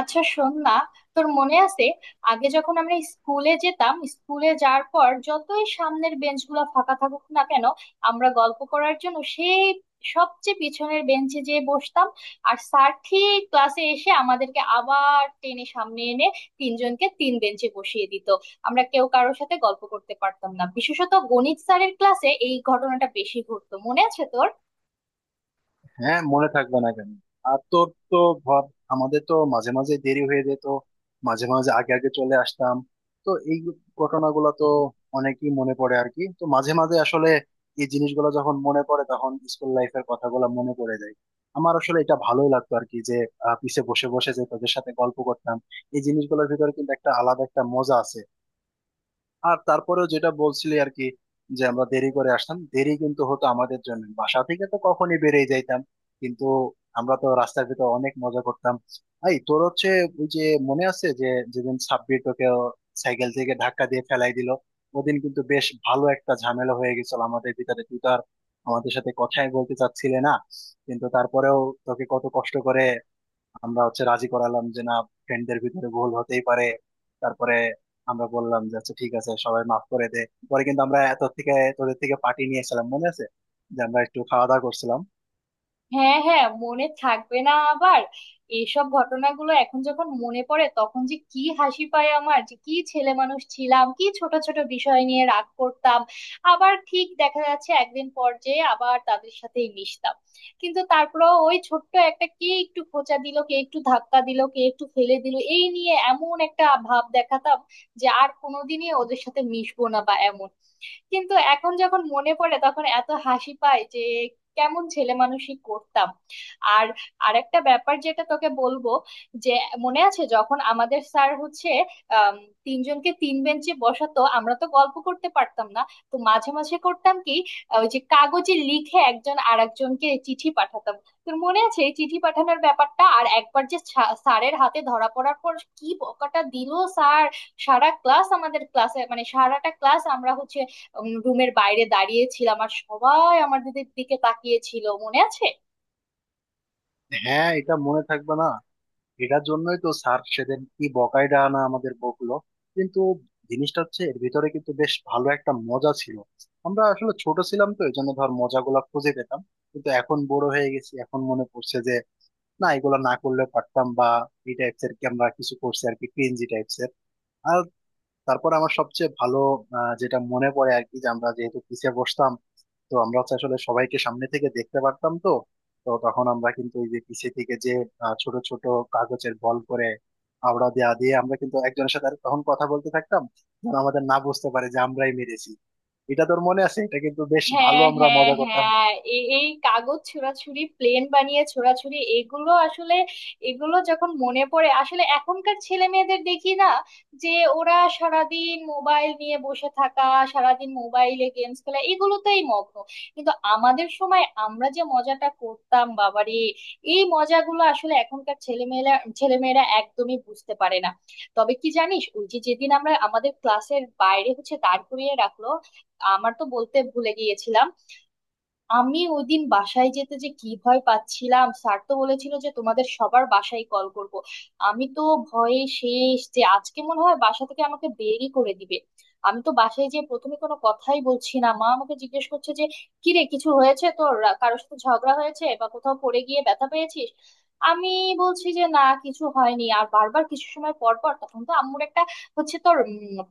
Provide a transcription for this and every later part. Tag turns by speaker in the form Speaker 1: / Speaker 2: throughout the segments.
Speaker 1: আচ্ছা, শোন না, তোর মনে আছে আগে যখন আমরা স্কুলে যেতাম, স্কুলে যাওয়ার পর যতই সামনের বেঞ্চগুলো ফাঁকা থাকুক না কেন, আমরা গল্প করার জন্য সেই সবচেয়ে পিছনের বেঞ্চে যেয়ে বসতাম। আর স্যার ঠিক ক্লাসে এসে আমাদেরকে আবার টেনে সামনে এনে তিনজনকে তিন বেঞ্চে বসিয়ে দিত, আমরা কেউ কারোর সাথে গল্প করতে পারতাম না। বিশেষত গণিত স্যারের ক্লাসে এই ঘটনাটা বেশি ঘটতো, মনে আছে তোর?
Speaker 2: হ্যাঁ, মনে থাকবে না কেন? আর তোর তো ভাব, আমাদের তো মাঝে মাঝে দেরি হয়ে যেত, মাঝে মাঝে আগে আগে চলে আসতাম। তো এই ঘটনাগুলো তো অনেকই মনে পড়ে আর কি। তো মাঝে মাঝে আসলে এই জিনিসগুলো যখন মনে পড়ে, তখন স্কুল লাইফের কথাগুলো মনে পড়ে যায়। আমার আসলে এটা ভালোই লাগতো আর কি, যে পিছে বসে বসে যে তোদের সাথে গল্প করতাম, এই জিনিসগুলোর ভিতরে কিন্তু একটা আলাদা একটা মজা আছে। আর তারপরেও যেটা বলছিলি আর কি, যে আমরা দেরি করে আসতাম, দেরি কিন্তু হতো আমাদের জন্য, বাসা থেকে তো কখনই বেরিয়ে যাইতাম, কিন্তু আমরা তো রাস্তার ভিতর অনেক মজা করতাম। এই তোর হচ্ছে ওই যে মনে আছে যে যেদিন সাব্বির তোকে সাইকেল থেকে ধাক্কা দিয়ে ফেলাই দিল, ওদিন কিন্তু বেশ ভালো একটা ঝামেলা হয়ে গেছিল আমাদের ভিতরে। তুই তো আর আমাদের সাথে কথাই বলতে চাচ্ছিলে না, কিন্তু তারপরেও তোকে কত কষ্ট করে আমরা হচ্ছে রাজি করালাম, যে না, ফ্রেন্ডদের ভিতরে ভুল হতেই পারে। তারপরে আমরা বললাম যে আচ্ছা ঠিক আছে, সবাই মাফ করে দে। পরে কিন্তু আমরা এত থেকে তোদের থেকে পার্টি নিয়ে এসেছিলাম, মনে আছে? যে আমরা একটু খাওয়া দাওয়া করছিলাম।
Speaker 1: হ্যাঁ হ্যাঁ, মনে থাকবে না আবার! এইসব ঘটনাগুলো এখন যখন মনে পড়ে তখন যে কি হাসি পায় আমার, যে কি ছেলে মানুষ ছিলাম, কি ছোট ছোট বিষয় নিয়ে রাগ করতাম। আবার ঠিক দেখা যাচ্ছে একদিন পর যে আবার তাদের সাথেই মিশতাম। কিন্তু তারপরেও ওই ছোট্ট একটা, কে একটু খোঁচা দিল, কে একটু ধাক্কা দিল, কে একটু ফেলে দিল, এই নিয়ে এমন একটা ভাব দেখাতাম যে আর কোনোদিনই ওদের সাথে মিশবো না বা এমন। কিন্তু এখন যখন মনে পড়ে তখন এত হাসি পায় যে কেমন ছেলে মানুষই করতাম। আর আরেকটা ব্যাপার যেটা তোকে বলবো, যে মনে আছে যখন আমাদের স্যার হচ্ছে আম, তিনজনকে তিন বেঞ্চে বসাতো, আমরা তো গল্প করতে পারতাম না। তো মাঝে মাঝে করতাম কি, ওই যে কাগজে লিখে একজন আরেকজনকে চিঠি পাঠাতাম। তোর মনে আছে এই চিঠি পাঠানোর ব্যাপারটা? আর একবার যে স্যারের হাতে ধরা পড়ার পর কি বকাটা দিল স্যার! সারা ক্লাস, আমাদের ক্লাসে মানে সারাটা ক্লাস আমরা হচ্ছে রুমের বাইরে দাঁড়িয়ে ছিলাম, আর সবাই আমার দিকে দিকে তাকিয়ে ছিল, মনে আছে?
Speaker 2: হ্যাঁ, এটা মনে থাকবে না? এটার জন্যই তো স্যার সেদিন কি বকাইডা না আমাদের বকলো। কিন্তু জিনিসটা হচ্ছে এর ভিতরে কিন্তু বেশ ভালো একটা মজা ছিল। আমরা আসলে ছোট ছিলাম তো এই জন্য ধর মজাগুলা খুঁজে পেতাম, কিন্তু এখন বড় হয়ে গেছি, এখন মনে পড়ছে যে না, এগুলো না করলে পারতাম, বা এই টাইপস এর কি আমরা কিছু করছি আর কি, ক্রিঞ্জি টাইপস এর। আর তারপর আমার সবচেয়ে ভালো যেটা মনে পড়ে আর কি, যে আমরা যেহেতু পিছিয়ে বসতাম, তো আমরা হচ্ছে আসলে সবাইকে সামনে থেকে দেখতে পারতাম। তো তো তখন আমরা কিন্তু ওই যে পিছিয়ে থেকে যে ছোট ছোট কাগজের বল করে আবড়া দেয়া দিয়ে আমরা কিন্তু একজনের সাথে আর তখন কথা বলতে থাকতাম, যেন আমাদের না বুঝতে পারে যে আমরাই মেরেছি। এটা তোর মনে আছে? এটা কিন্তু বেশ ভালো
Speaker 1: হ্যাঁ
Speaker 2: আমরা
Speaker 1: হ্যাঁ
Speaker 2: মজা করতাম।
Speaker 1: হ্যাঁ, এই কাগজ ছোঁড়াছুড়ি, প্লেন বানিয়ে ছোঁড়াছুড়ি, এগুলো আসলে, এগুলো যখন মনে পড়ে আসলে এখনকার ছেলে মেয়েদের দেখি না, যে ওরা সারাদিন মোবাইল নিয়ে বসে থাকা, সারাদিন মোবাইলে গেমস খেলা, এগুলোতেই মগ্ন। কিন্তু আমাদের সময় আমরা যে মজাটা করতাম বাবারে! এই মজাগুলো আসলে এখনকার ছেলেমেয়েরা, ছেলেমেয়েরা একদমই বুঝতে পারে না। তবে কি জানিস, ওই যে যেদিন আমরা আমাদের ক্লাসের বাইরে হচ্ছে দাঁড় করিয়ে রাখলো, আমার তো বলতে ভুলে গিয়েছিলাম, আমি ওইদিন বাসায় যেতে যে কি ভয় পাচ্ছিলাম! স্যার তো বলেছিল যে তোমাদের সবার বাসায় কল করব। আমি তো ভয়ে শেষ যে আজকে মনে হয় বাসা থেকে আমাকে বেরই করে দিবে। আমি তো বাসায় যেয়ে প্রথমে কোনো কথাই বলছি না, মা আমাকে জিজ্ঞেস করছে যে কি রে, কিছু হয়েছে তোর? কারোর সাথে ঝগড়া হয়েছে, বা কোথাও পড়ে গিয়ে ব্যথা পেয়েছিস? আমি বলছি যে না, কিছু হয়নি। আর বারবার কিছু সময় পর পর, তখন তো আম্মুর একটা হচ্ছে তোর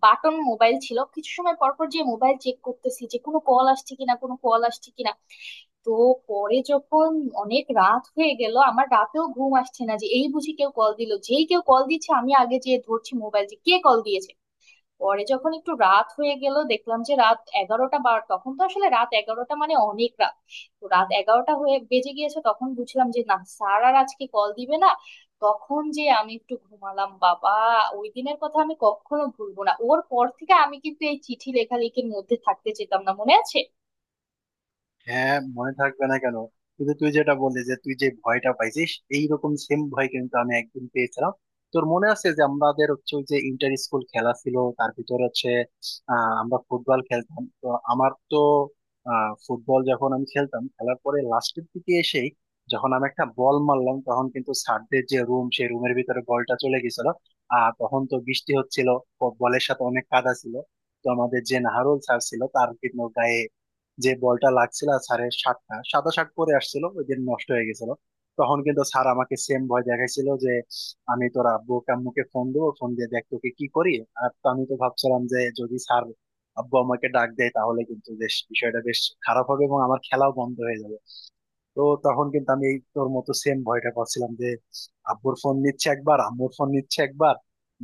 Speaker 1: বাটন মোবাইল ছিল, কিছু সময় পর পর যে মোবাইল চেক করতেছি যে কোনো কল আসছে কিনা, কোনো কল আসছে কিনা। তো পরে যখন অনেক রাত হয়ে গেল, আমার রাতেও ঘুম আসছে না, যে এই বুঝি কেউ কল দিল, যেই কেউ কল দিচ্ছে আমি আগে যে ধরছি মোবাইল, যে কে কল দিয়েছে। পরে যখন একটু রাত হয়ে গেল, দেখলাম যে রাত 11টা বার, তখন তো আসলে রাত 11টা মানে অনেক রাত। তো রাত 11টা হয়ে বেজে গিয়েছে, তখন বুঝলাম যে না, স্যার আর আজকে কল দিবে না। তখন যে আমি একটু ঘুমালাম বাবা! ওই দিনের কথা আমি কখনো ভুলবো না, ওর পর থেকে আমি কিন্তু এই চিঠি লেখালেখির মধ্যে থাকতে যেতাম না, মনে আছে?
Speaker 2: হ্যাঁ, মনে থাকবে না কেন? কিন্তু তুই যেটা বললি যে তুই যে ভয়টা পাইছিস, এইরকম সেম ভয় কিন্তু আমি একদিন পেয়েছিলাম। তোর মনে আছে যে আমাদের হচ্ছে ওই যে ইন্টার স্কুল খেলা ছিল, তার ভিতরে হচ্ছে আমরা ফুটবল খেলতাম। তো আমার তো ফুটবল যখন আমি খেলতাম, খেলার পরে লাস্টের দিকে এসেই যখন আমি একটা বল মারলাম, তখন কিন্তু স্যারদের যে রুম, সেই রুমের ভিতরে বলটা চলে গেছিল। আর তখন তো বৃষ্টি হচ্ছিল, বলের সাথে অনেক কাদা ছিল। তো আমাদের যে নাহারুল স্যার ছিল, তার কিন্তু গায়ে যে বলটা লাগছিল, আর স্যারের শার্টটা সাদা শার্ট পরে আসছিল ওই দিন, নষ্ট হয়ে গেছিল। তখন কিন্তু স্যার আমাকে সেম ভয় দেখাইছিল যে আমি তোর আব্বু আম্মুকে ফোন দেবো, ফোন দিয়ে দেখ তোকে কি করি। আর তো আমি তো ভাবছিলাম যে যদি স্যার আব্বু আমাকে ডাক দেয়, তাহলে কিন্তু বেশ বিষয়টা বেশ খারাপ হবে, এবং আমার খেলাও বন্ধ হয়ে যাবে। তো তখন কিন্তু আমি এই তোর মতো সেম ভয়টা করছিলাম যে আব্বুর ফোন নিচ্ছে একবার, আম্মুর ফোন নিচ্ছে একবার,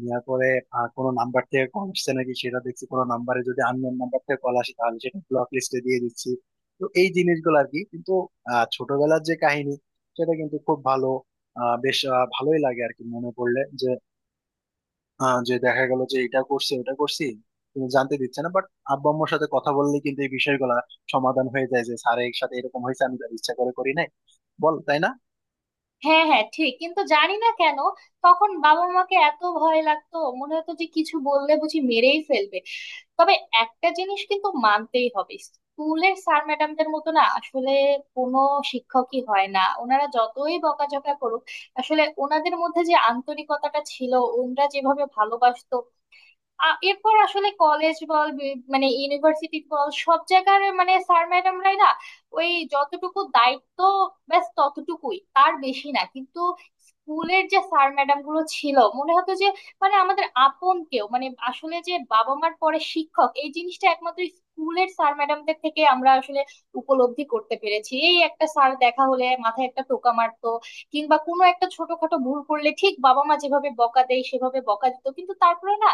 Speaker 2: নেওয়ার পরে কোনো নাম্বার থেকে কল আসছে নাকি সেটা দেখছি, কোনো নাম্বারে যদি আননোন নাম্বার থেকে কল আসে তাহলে সেটা ব্লক লিস্টে দিয়ে দিচ্ছি। তো এই জিনিসগুলো আর কি, কিন্তু ছোটবেলার যে কাহিনী, সেটা কিন্তু খুব ভালো ভালোই লাগে আর কি মনে পড়লে, যে যে দেখা গেল যে এটা করছি ওটা করছি, তুমি জানতে দিচ্ছে না, বাট আব্বা আম্মুর সাথে কথা বললে কিন্তু এই বিষয়গুলা সমাধান হয়ে যায়, যে স্যারের সাথে এরকম হয়েছে, আমি তার ইচ্ছা করে করি নাই। বল, তাই না?
Speaker 1: হ্যাঁ হ্যাঁ ঠিক। কিন্তু জানি না কেন তখন বাবা মাকে এত ভয় লাগতো, মনে হতো যে কিছু বললে বুঝি মেরেই ফেলবে। তবে একটা জিনিস কিন্তু মানতেই হবে, স্কুলের স্যার ম্যাডামদের মতো না আসলে কোনো শিক্ষকই হয় না। ওনারা যতই বকাঝকা করুক, আসলে ওনাদের মধ্যে যে আন্তরিকতাটা ছিল, ওনারা যেভাবে ভালোবাসতো, এরপর আসলে কলেজ বল, মানে ইউনিভার্সিটি বল, সব জায়গার মানে স্যার ম্যাডামরাই না, ওই যতটুকু দায়িত্ব ব্যাস ততটুকুই, তার বেশি না। কিন্তু স্কুলের যে স্যার ম্যাডাম গুলো ছিল মনে হতো যে মানে আমাদের আপন কেউ। মানে আসলে যে বাবা মার পরে শিক্ষক, এই জিনিসটা একমাত্র স্কুলের স্যার ম্যাডামদের থেকে আমরা আসলে উপলব্ধি করতে পেরেছি। এই একটা স্যার দেখা হলে মাথায় একটা টোকা মারতো, কিংবা কোনো একটা ছোটখাটো ভুল করলে ঠিক বাবা মা যেভাবে বকা দেয় সেভাবে বকা দিত, কিন্তু তারপরে না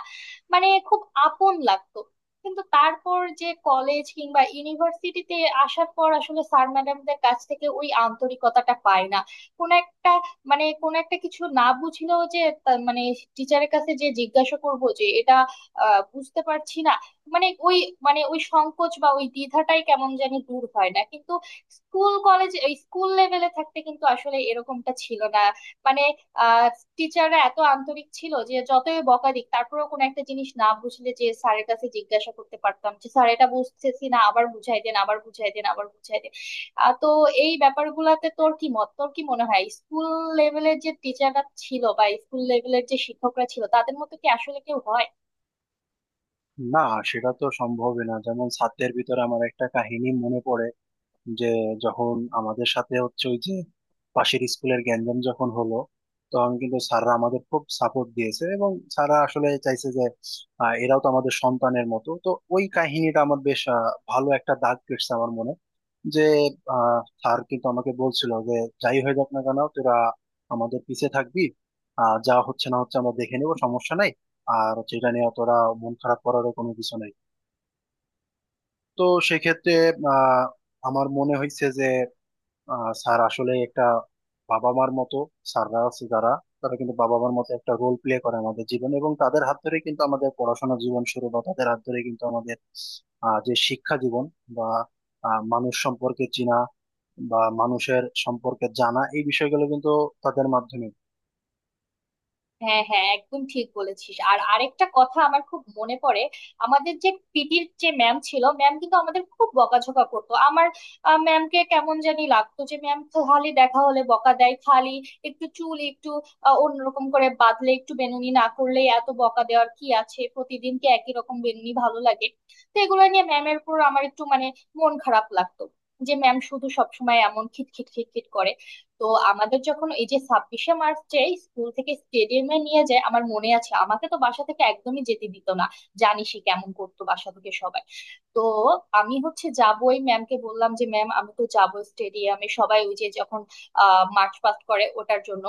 Speaker 1: মানে খুব আপন লাগতো। কিন্তু তারপর যে কলেজ কিংবা ইউনিভার্সিটিতে আসার পর আসলে স্যার ম্যাডামদের কাছ থেকে ওই আন্তরিকতাটা পায় না। কোন একটা, মানে কোন একটা কিছু না বুঝলেও যে মানে টিচারের কাছে যে জিজ্ঞাসা করবো যে এটা বুঝতে পারছি না, মানে ওই, মানে ওই সংকোচ বা ওই দ্বিধাটাই কেমন জানি দূর হয় না। কিন্তু স্কুল কলেজ, এই স্কুল লেভেলে থাকতে কিন্তু আসলে এরকমটা ছিল না। মানে আহ টিচাররা এত আন্তরিক ছিল যে যতই বকা দিক তারপরেও কোনো একটা জিনিস না বুঝলে যে স্যারের কাছে জিজ্ঞাসা করতে পারতাম যে স্যার এটা বুঝতেছি না, আবার বুঝাই দেন, আবার বুঝাই দেন, আবার বুঝাই দেন। তো এই ব্যাপারগুলাতে তোর কি মত? তোর কি মনে হয় স্কুল লেভেলের যে টিচাররা ছিল বা স্কুল লেভেলের যে শিক্ষকরা ছিল, তাদের মতো কি আসলে কেউ হয়?
Speaker 2: না, সেটা তো সম্ভবই না। যেমন ছাত্রের ভিতরে আমার একটা কাহিনী মনে পড়ে যে যখন আমাদের সাথে হচ্ছে ওই যে পাশের স্কুলের গ্যাঞ্জাম যখন হলো, তখন কিন্তু স্যাররা আমাদের খুব সাপোর্ট দিয়েছে, এবং স্যাররা আসলে চাইছে যে এরাও তো আমাদের সন্তানের মতো। তো ওই কাহিনীটা আমার বেশ ভালো একটা দাগ কেটেছে আমার মনে, যে স্যার কিন্তু আমাকে বলছিল যে যাই হয়ে যাক না কেন, তোরা আমাদের পিছে থাকবি, যা হচ্ছে না হচ্ছে আমরা দেখে নেবো, সমস্যা নাই। আর হচ্ছে এটা নিয়ে তোরা মন খারাপ করারও কোনো কিছু নাই। তো সেক্ষেত্রে আহ আমার মনে হয়েছে যে স্যার আসলে একটা বাবা মার মতো। স্যাররা আছে যারা, তারা কিন্তু বাবা মার মতো একটা রোল প্লে করে আমাদের জীবন, এবং তাদের হাত ধরে কিন্তু আমাদের পড়াশোনা জীবন শুরু, বা তাদের হাত ধরে কিন্তু আমাদের যে শিক্ষা জীবন, বা মানুষ সম্পর্কে চেনা বা মানুষের সম্পর্কে জানা, এই বিষয়গুলো কিন্তু তাদের মাধ্যমে।
Speaker 1: হ্যাঁ হ্যাঁ, একদম ঠিক বলেছিস। আর আরেকটা কথা আমার খুব মনে পড়ে, আমাদের যে পিটির যে ম্যাম ছিল, ম্যাম কিন্তু আমাদের খুব বকাঝকা করতো। আমার ম্যামকে কেমন জানি লাগতো, যে ম্যাম খালি দেখা হলে বকা দেয়, খালি একটু চুল একটু অন্যরকম করে বাঁধলে, একটু বেনুনি না করলে, এত বকা দেওয়ার কি আছে? প্রতিদিন কি একই রকম বেনুনি ভালো লাগে? তো এগুলো নিয়ে ম্যামের উপর আমার একটু মানে মন খারাপ লাগতো, যে ম্যাম শুধু সবসময় এমন খিটখিট খিটখিট করে। তো আমাদের যখন এই যে 26শে মার্চে স্কুল থেকে স্টেডিয়ামে নিয়ে যায়, আমার মনে আছে আমাকে তো বাসা থেকে একদমই যেতে দিত না। জানিসই কেমন করতো বাসা থেকে সবাই। তো আমি হচ্ছে যাবো, ওই ম্যামকে বললাম যে ম্যাম আমি তো যাবো স্টেডিয়ামে, সবাই ওই যে যখন মার্চ পাস্ট করে ওটার জন্য।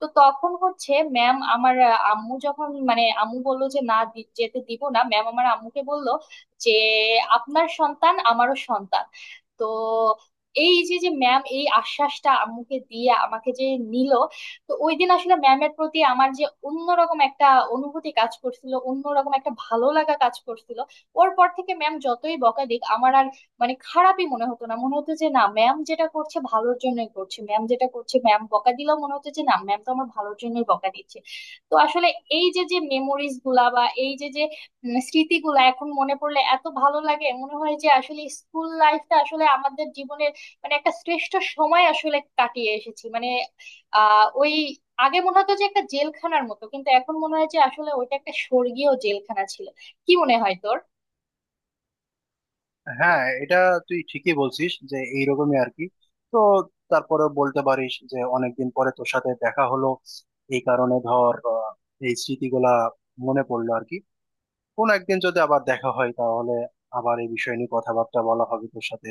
Speaker 1: তো তখন হচ্ছে ম্যাম আমার আম্মু যখন, মানে আম্মু বললো যে না, যেতে দিব না, ম্যাম আমার আম্মুকে বললো যে আপনার সন্তান আমারও সন্তান। তো এই যে যে ম্যাম এই আশ্বাসটা আম্মুকে দিয়ে আমাকে যে নিল, তো ওই দিন আসলে ম্যামের প্রতি আমার যে অন্যরকম একটা অনুভূতি কাজ করছিল, অন্যরকম একটা ভালো লাগা কাজ করছিল। ওর পর থেকে ম্যাম যতই বকা দিক আমার আর মানে খারাপই মনে হতো না, মনে হতো যে না ম্যাম যেটা করছে ভালোর জন্যই করছে, ম্যাম যেটা করছে ম্যাম বকা দিলেও মনে হতো যে না ম্যাম তো আমার ভালোর জন্যই বকা দিচ্ছে। তো আসলে এই যে যে মেমোরিজ গুলা, বা এই যে যে স্মৃতিগুলা এখন মনে পড়লে এত ভালো লাগে, মনে হয় যে আসলে স্কুল লাইফটা আসলে আমাদের জীবনের মানে একটা শ্রেষ্ঠ সময় আসলে কাটিয়ে এসেছি। মানে ওই আগে মনে হতো যে একটা জেলখানার মতো, কিন্তু এখন মনে হয় যে আসলে ওইটা একটা স্বর্গীয় জেলখানা ছিল। কি মনে হয় তোর?
Speaker 2: হ্যাঁ, এটা তুই ঠিকই বলছিস যে এইরকমই আর কি। তো তারপরে বলতে পারিস যে অনেকদিন পরে তোর সাথে দেখা হলো, এই কারণে ধর এই স্মৃতিগুলা মনে পড়লো আর কি। কোন একদিন যদি আবার দেখা হয় তাহলে আবার এই বিষয় নিয়ে কথাবার্তা বলা হবে তোর সাথে।